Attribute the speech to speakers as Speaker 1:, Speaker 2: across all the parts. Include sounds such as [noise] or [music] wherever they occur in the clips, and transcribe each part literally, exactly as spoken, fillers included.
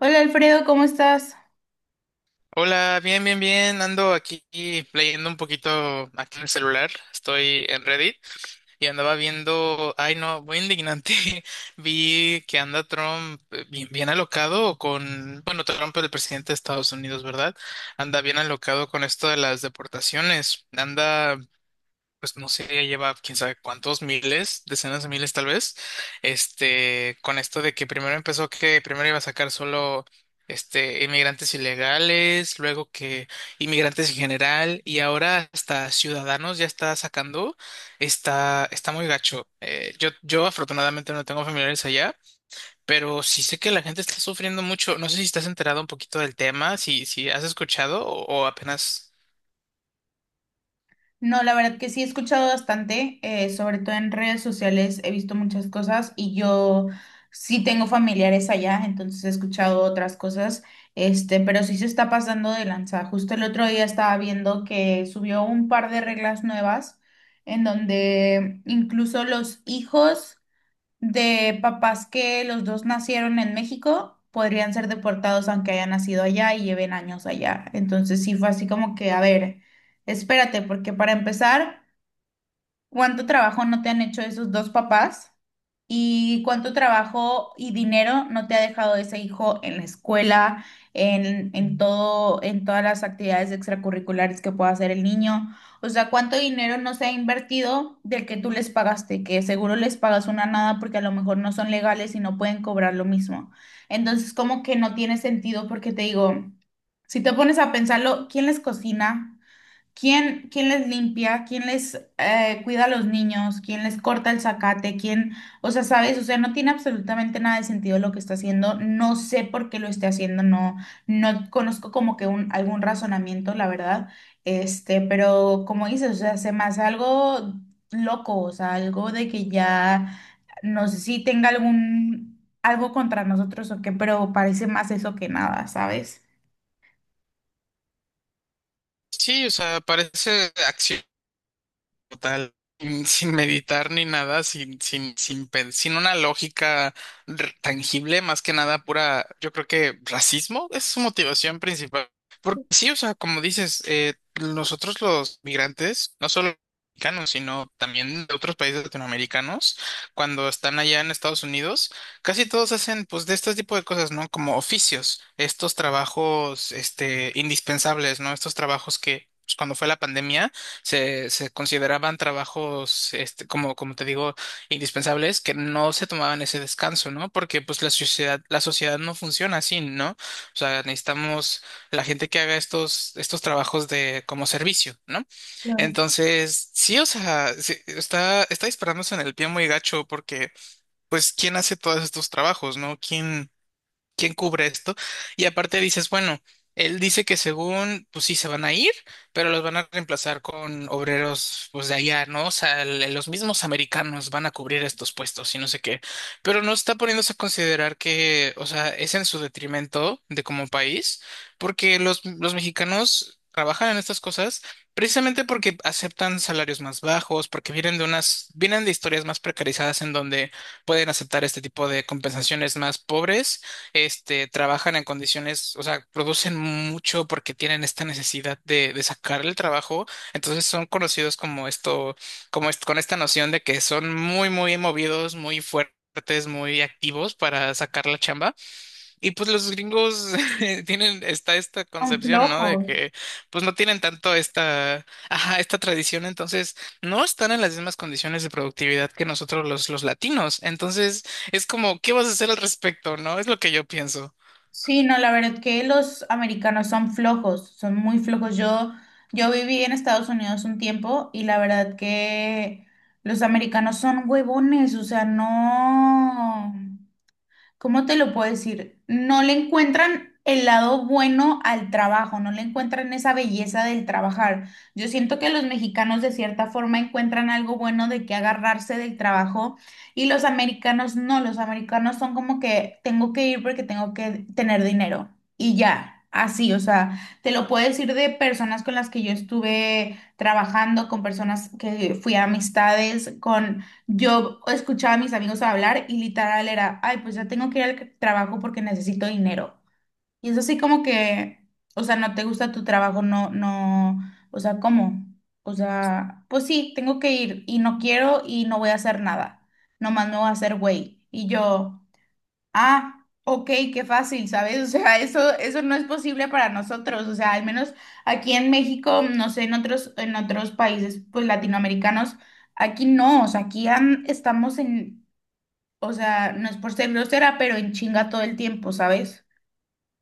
Speaker 1: Hola Alfredo, ¿cómo estás?
Speaker 2: Hola, bien, bien, bien. Ando aquí leyendo un poquito aquí en el celular. Estoy en Reddit y andaba viendo, ay no, muy indignante. [laughs] Vi que anda Trump eh, bien, bien alocado con, bueno, Trump es el presidente de Estados Unidos, ¿verdad? Anda bien alocado con esto de las deportaciones. Anda pues no sé, ya lleva quién sabe cuántos miles, decenas de miles tal vez, este, con esto de que primero empezó que primero iba a sacar solo este inmigrantes ilegales, luego que inmigrantes en general, y ahora hasta ciudadanos ya está sacando, está, está muy gacho. Eh, yo, yo afortunadamente no tengo familiares allá, pero sí sé que la gente está sufriendo mucho. No sé si estás enterado un poquito del tema, si, si has escuchado o o apenas.
Speaker 1: No, la verdad que sí he escuchado bastante, eh, sobre todo en redes sociales he visto muchas cosas y yo sí tengo familiares allá, entonces he escuchado otras cosas, este, pero sí se está pasando de lanza. Justo el otro día estaba viendo que subió un par de reglas nuevas en donde incluso los hijos de papás que los dos nacieron en México, podrían ser deportados aunque hayan nacido allá y lleven años allá. Entonces sí fue así como que, a ver, espérate, porque para empezar... ¿Cuánto trabajo no te han hecho esos dos papás? ¿Y cuánto trabajo y dinero no te ha dejado ese hijo en la escuela, en, en todo, en todas las actividades extracurriculares que pueda hacer el niño? O sea, ¿cuánto dinero no se ha invertido del que tú les pagaste? Que seguro les pagas una nada porque a lo mejor no son legales y no pueden cobrar lo mismo. Entonces, como que no tiene sentido porque te digo, si te pones a pensarlo, ¿quién les cocina? ¿Quién, quién les limpia? ¿Quién les eh, cuida a los niños? ¿Quién les corta el zacate? ¿Quién, o sea, sabes? O sea, no tiene absolutamente nada de sentido lo que está haciendo. No sé por qué lo esté haciendo. No, no conozco como que un, algún razonamiento, la verdad. Este, pero como dices, o sea, se me hace algo loco, o sea, algo de que ya, no sé si tenga algún, algo contra nosotros o qué, pero parece más eso que nada, ¿sabes?
Speaker 2: Sí, o sea, parece acción total, sin, sin meditar ni nada, sin, sin, sin, pen- sin una lógica r- tangible, más que nada pura, yo creo que racismo es su motivación principal. Porque sí, o sea, como dices, eh, nosotros los migrantes, no solo mexicanos, sino también de otros países latinoamericanos, cuando están allá en Estados Unidos, casi todos hacen pues de este tipo de cosas, ¿no? Como oficios, estos trabajos, este, indispensables, ¿no? Estos trabajos que pues, cuando fue la pandemia, se, se consideraban trabajos, este, como, como te digo, indispensables, que no se tomaban ese descanso, ¿no? Porque pues la sociedad, la sociedad no funciona así, ¿no? O sea, necesitamos la gente que haga estos, estos trabajos de, como servicio, ¿no?
Speaker 1: Claro.
Speaker 2: Entonces, sí, o sea, sí, está, está disparándose en el pie muy gacho porque, pues, ¿quién hace todos estos trabajos, ¿no? ¿Quién? ¿Quién cubre esto? Y aparte dices, bueno, él dice que según, pues sí, se van a ir, pero los van a reemplazar con obreros, pues de allá, ¿no? O sea, el- los mismos americanos van a cubrir estos puestos y no sé qué. Pero no está poniéndose a considerar que, o sea, es en su detrimento de como país, porque los, los mexicanos trabajan en estas cosas. Precisamente porque aceptan salarios más bajos, porque vienen de unas, vienen de historias más precarizadas en donde pueden aceptar este tipo de compensaciones más pobres, este, trabajan en condiciones, o sea, producen mucho porque tienen esta necesidad de, de sacar el trabajo, entonces son conocidos como esto, como est- con esta noción de que son muy, muy movidos, muy fuertes, muy activos para sacar la chamba. Y pues los gringos [laughs] tienen, está esta
Speaker 1: Son
Speaker 2: concepción, ¿no? De
Speaker 1: flojos.
Speaker 2: que pues no tienen tanto esta, ajá, esta tradición, entonces no están en las mismas condiciones de productividad que nosotros los, los latinos. Entonces es como, ¿qué vas a hacer al respecto, no? Es lo que yo pienso.
Speaker 1: Sí, no, la verdad que los americanos son flojos, son muy flojos. Yo, yo viví en Estados Unidos un tiempo y la verdad que los americanos son huevones, o sea, no. ¿Cómo te lo puedo decir? No le encuentran el lado bueno al trabajo, no le encuentran esa belleza del trabajar. Yo siento que los mexicanos de cierta forma encuentran algo bueno de que agarrarse del trabajo y los americanos no, los americanos son como que tengo que ir porque tengo que tener dinero y ya. Así, o sea, te lo puedo decir de personas con las que yo estuve trabajando, con personas que fui a amistades, con yo escuchaba a mis amigos hablar y literal era, ay, pues ya tengo que ir al trabajo porque necesito dinero. Y es así como que, o sea, no te gusta tu trabajo, no, no, o sea, ¿cómo? O sea, pues sí, tengo que ir y no quiero y no voy a hacer nada. Nomás me voy a hacer güey. Y yo, ah, ok, qué fácil, ¿sabes? O sea, eso, eso no es posible para nosotros. O sea, al menos aquí en México, no sé, en otros, en otros países, pues latinoamericanos, aquí no, o sea, aquí an- estamos en, o sea, no es por ser grosera, pero en chinga todo el tiempo, ¿sabes?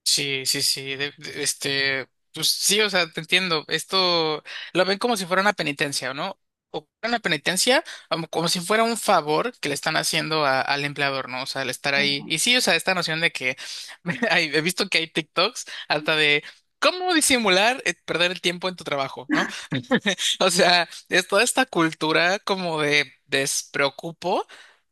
Speaker 2: Sí, sí, sí, de- de- este, pues sí, o sea, te entiendo, esto lo ven como si fuera una penitencia, ¿no? O una penitencia, como, como si fuera un favor que le están haciendo a- al empleador, ¿no? O sea, al estar ahí. Y sí, o sea, esta noción de que [laughs] hay- he visto que hay TikToks hasta de cómo disimular eh, perder el tiempo en tu trabajo, ¿no? [laughs] O sea, es toda esta cultura como de despreocupo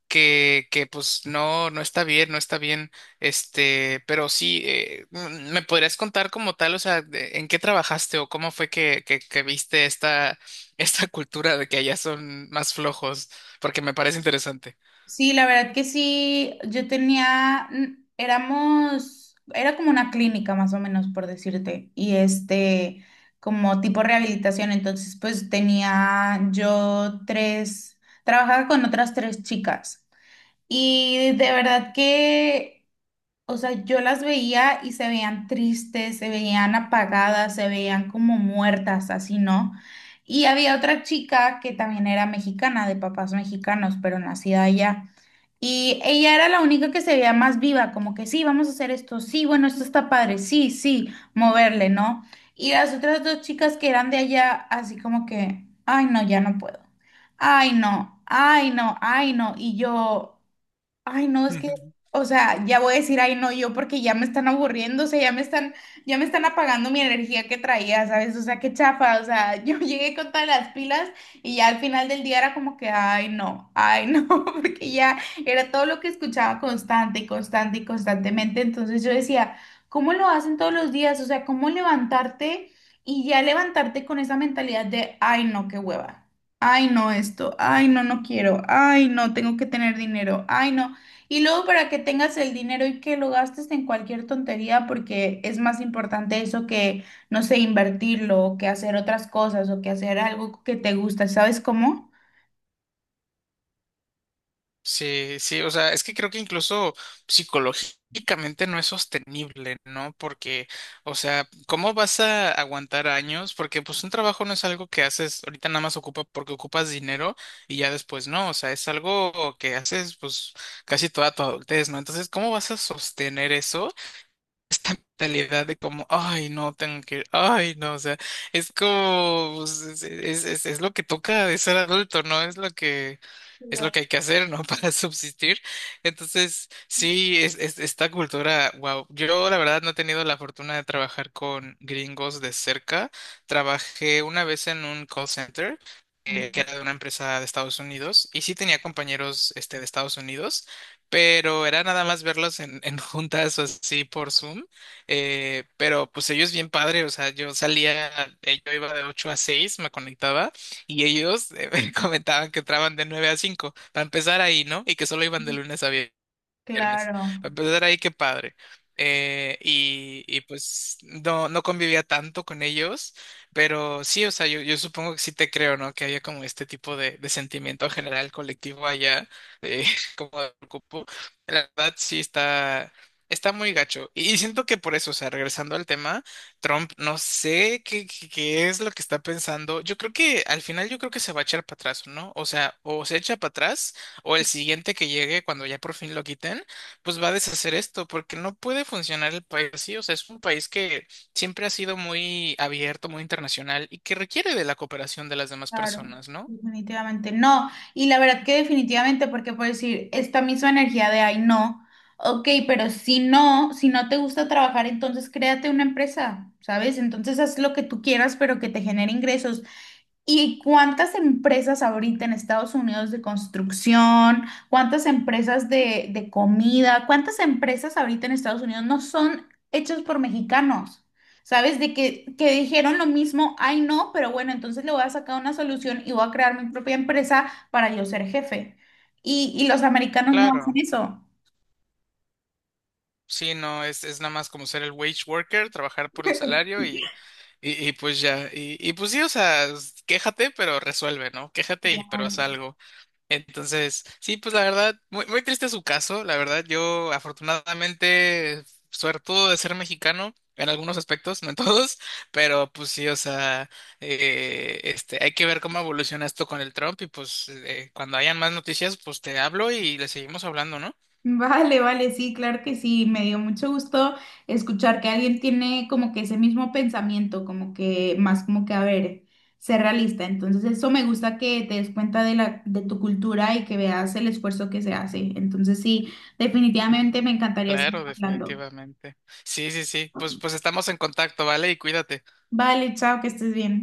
Speaker 2: que, que pues no, no está bien, no está bien, este, pero sí, eh, mm, ¿me podrías contar como tal, o sea, de- en qué trabajaste o cómo fue que, que, que viste esta, [laughs] esta cultura de que allá son más flojos? Porque me parece interesante.
Speaker 1: Sí, la verdad que sí, yo tenía, mm, éramos, era como una clínica más o menos, por decirte, y este, como tipo rehabilitación, entonces pues tenía yo tres, trabajaba con otras tres chicas y de verdad que, o sea, yo las veía y se veían tristes, se veían apagadas, se veían como muertas, así, ¿no? Y había otra chica que también era mexicana, de papás mexicanos, pero nacida allá. Y ella era la única que se veía más viva, como que sí, vamos a hacer esto, sí, bueno, esto está padre, sí, sí, moverle, ¿no? Y las otras dos chicas que eran de allá, así como que, ay, no, ya no puedo. Ay, no, ay, no, ay, no. Y yo, ay, no, es que,
Speaker 2: [laughs]
Speaker 1: o sea, ya voy a decir, ay, no, yo porque ya me están aburriendo, o sea, ya me están, ya me están apagando mi energía que traía, ¿sabes? O sea, qué chafa, o sea, [laughs] yo llegué con todas las pilas y ya al final del día era como que, ay, no, ay, no, [laughs] porque ya era todo lo que escuchaba constante y constante y constantemente, entonces yo decía, ¿cómo lo hacen todos los días? O sea, ¿cómo levantarte y ya levantarte con esa mentalidad de, ay, no, qué hueva? Ay, no, esto. Ay, no, no quiero. Ay, no, tengo que tener dinero. Ay, no. Y luego para que tengas el dinero y que lo gastes en cualquier tontería, porque es más importante eso que, no sé, invertirlo, o que hacer otras cosas, o que hacer algo que te gusta, ¿sabes cómo?
Speaker 2: Sí, sí, o sea, es que creo que incluso psicológicamente no es sostenible, ¿no? Porque, o sea, ¿cómo vas a aguantar años? Porque pues un trabajo no es algo que haces ahorita nada más ocupa porque ocupas dinero y ya después no, o sea, es algo que haces pues casi toda tu adultez, ¿no? Entonces, ¿cómo vas a sostener eso? Esta mentalidad de como, ay, no, tengo que ir, ay, no, o sea, es como, pues, es, es, es- es lo que toca de ser adulto, ¿no? Es lo que, es lo
Speaker 1: Claro.
Speaker 2: que hay que hacer, ¿no? [laughs] Para subsistir. Entonces, sí, es, es- esta cultura, wow, yo la verdad no he tenido la fortuna de trabajar con gringos de cerca. Trabajé una vez en un call center que, que era de una empresa de Estados Unidos y sí tenía compañeros este, de Estados Unidos, pero era nada más verlos en, en [laughs] juntas o así por Zoom. Eh, pero pues ellos bien padre, o sea, yo salía, eh, yo iba de ocho a seis me conectaba y ellos eh, [laughs] me comentaban que entraban de nueve a cinco para empezar ahí, ¿no? Y que solo iban de lunes a viernes viernes.
Speaker 1: Claro,
Speaker 2: Para empezar ahí, qué padre. Eh, y, y pues no, no convivía tanto con ellos, pero sí, o sea, yo, yo supongo que sí te creo, ¿no? Que había como este tipo de, de sentimiento general colectivo allá, eh, [laughs] como de preocupo. La verdad sí está, está muy gacho. Y, y siento que por eso, o sea, regresando al tema, Trump, no sé qué, qué, qué es lo que está pensando. Yo creo que al final yo creo que se va a echar para atrás, ¿no? O sea, o se echa para atrás o el siguiente que llegue cuando ya por fin lo quiten pues va a deshacer esto, porque no puede funcionar el país así. O sea, es un país que siempre ha sido muy abierto, muy internacional y que requiere de la cooperación de las demás
Speaker 1: claro,
Speaker 2: personas, ¿no?
Speaker 1: definitivamente no. Y la verdad que definitivamente, porque por decir, esta misma energía de ay no, ok, pero si no, si no te gusta trabajar, entonces créate una empresa, ¿sabes? Entonces haz lo que tú quieras, pero que te genere ingresos. ¿Y cuántas empresas ahorita en Estados Unidos de construcción, cuántas empresas de, de comida, cuántas empresas ahorita en Estados Unidos no son hechas por mexicanos? ¿Sabes? De que, que dijeron lo mismo, ay no, pero bueno, entonces le voy a sacar una solución y voy a crear mi propia empresa para yo ser jefe. Y, y los americanos no hacen
Speaker 2: Claro.
Speaker 1: eso.
Speaker 2: Sí, no, es, es nada más como ser el wage worker, trabajar por el salario y, y, y pues ya. Y, y pues sí, o sea, s- quéjate, pero resuelve, ¿no? Quéjate y pero
Speaker 1: Claro.
Speaker 2: haz algo. Entonces, sí, pues la verdad, muy, muy triste su caso. La verdad, yo afortunadamente, suertudo de ser mexicano en algunos aspectos, no en [laughs] todos, pero pues sí, o sea, eh, este, hay que ver cómo evoluciona esto con el Trump y pues eh, cuando hayan más noticias, pues te hablo y le seguimos hablando, ¿no?
Speaker 1: Vale, vale, sí, claro que sí. Me dio mucho gusto escuchar que alguien tiene como que ese mismo pensamiento, como que más como que, a ver, ser realista. Entonces, eso me gusta que te des cuenta de la, de tu cultura y que veas el esfuerzo que se hace. Entonces, sí, definitivamente me encantaría seguir
Speaker 2: Claro,
Speaker 1: hablando.
Speaker 2: definitivamente. Sí, sí, sí, pues, pues estamos en contacto, ¿vale? Y cuídate.
Speaker 1: Vale, chao, que estés bien.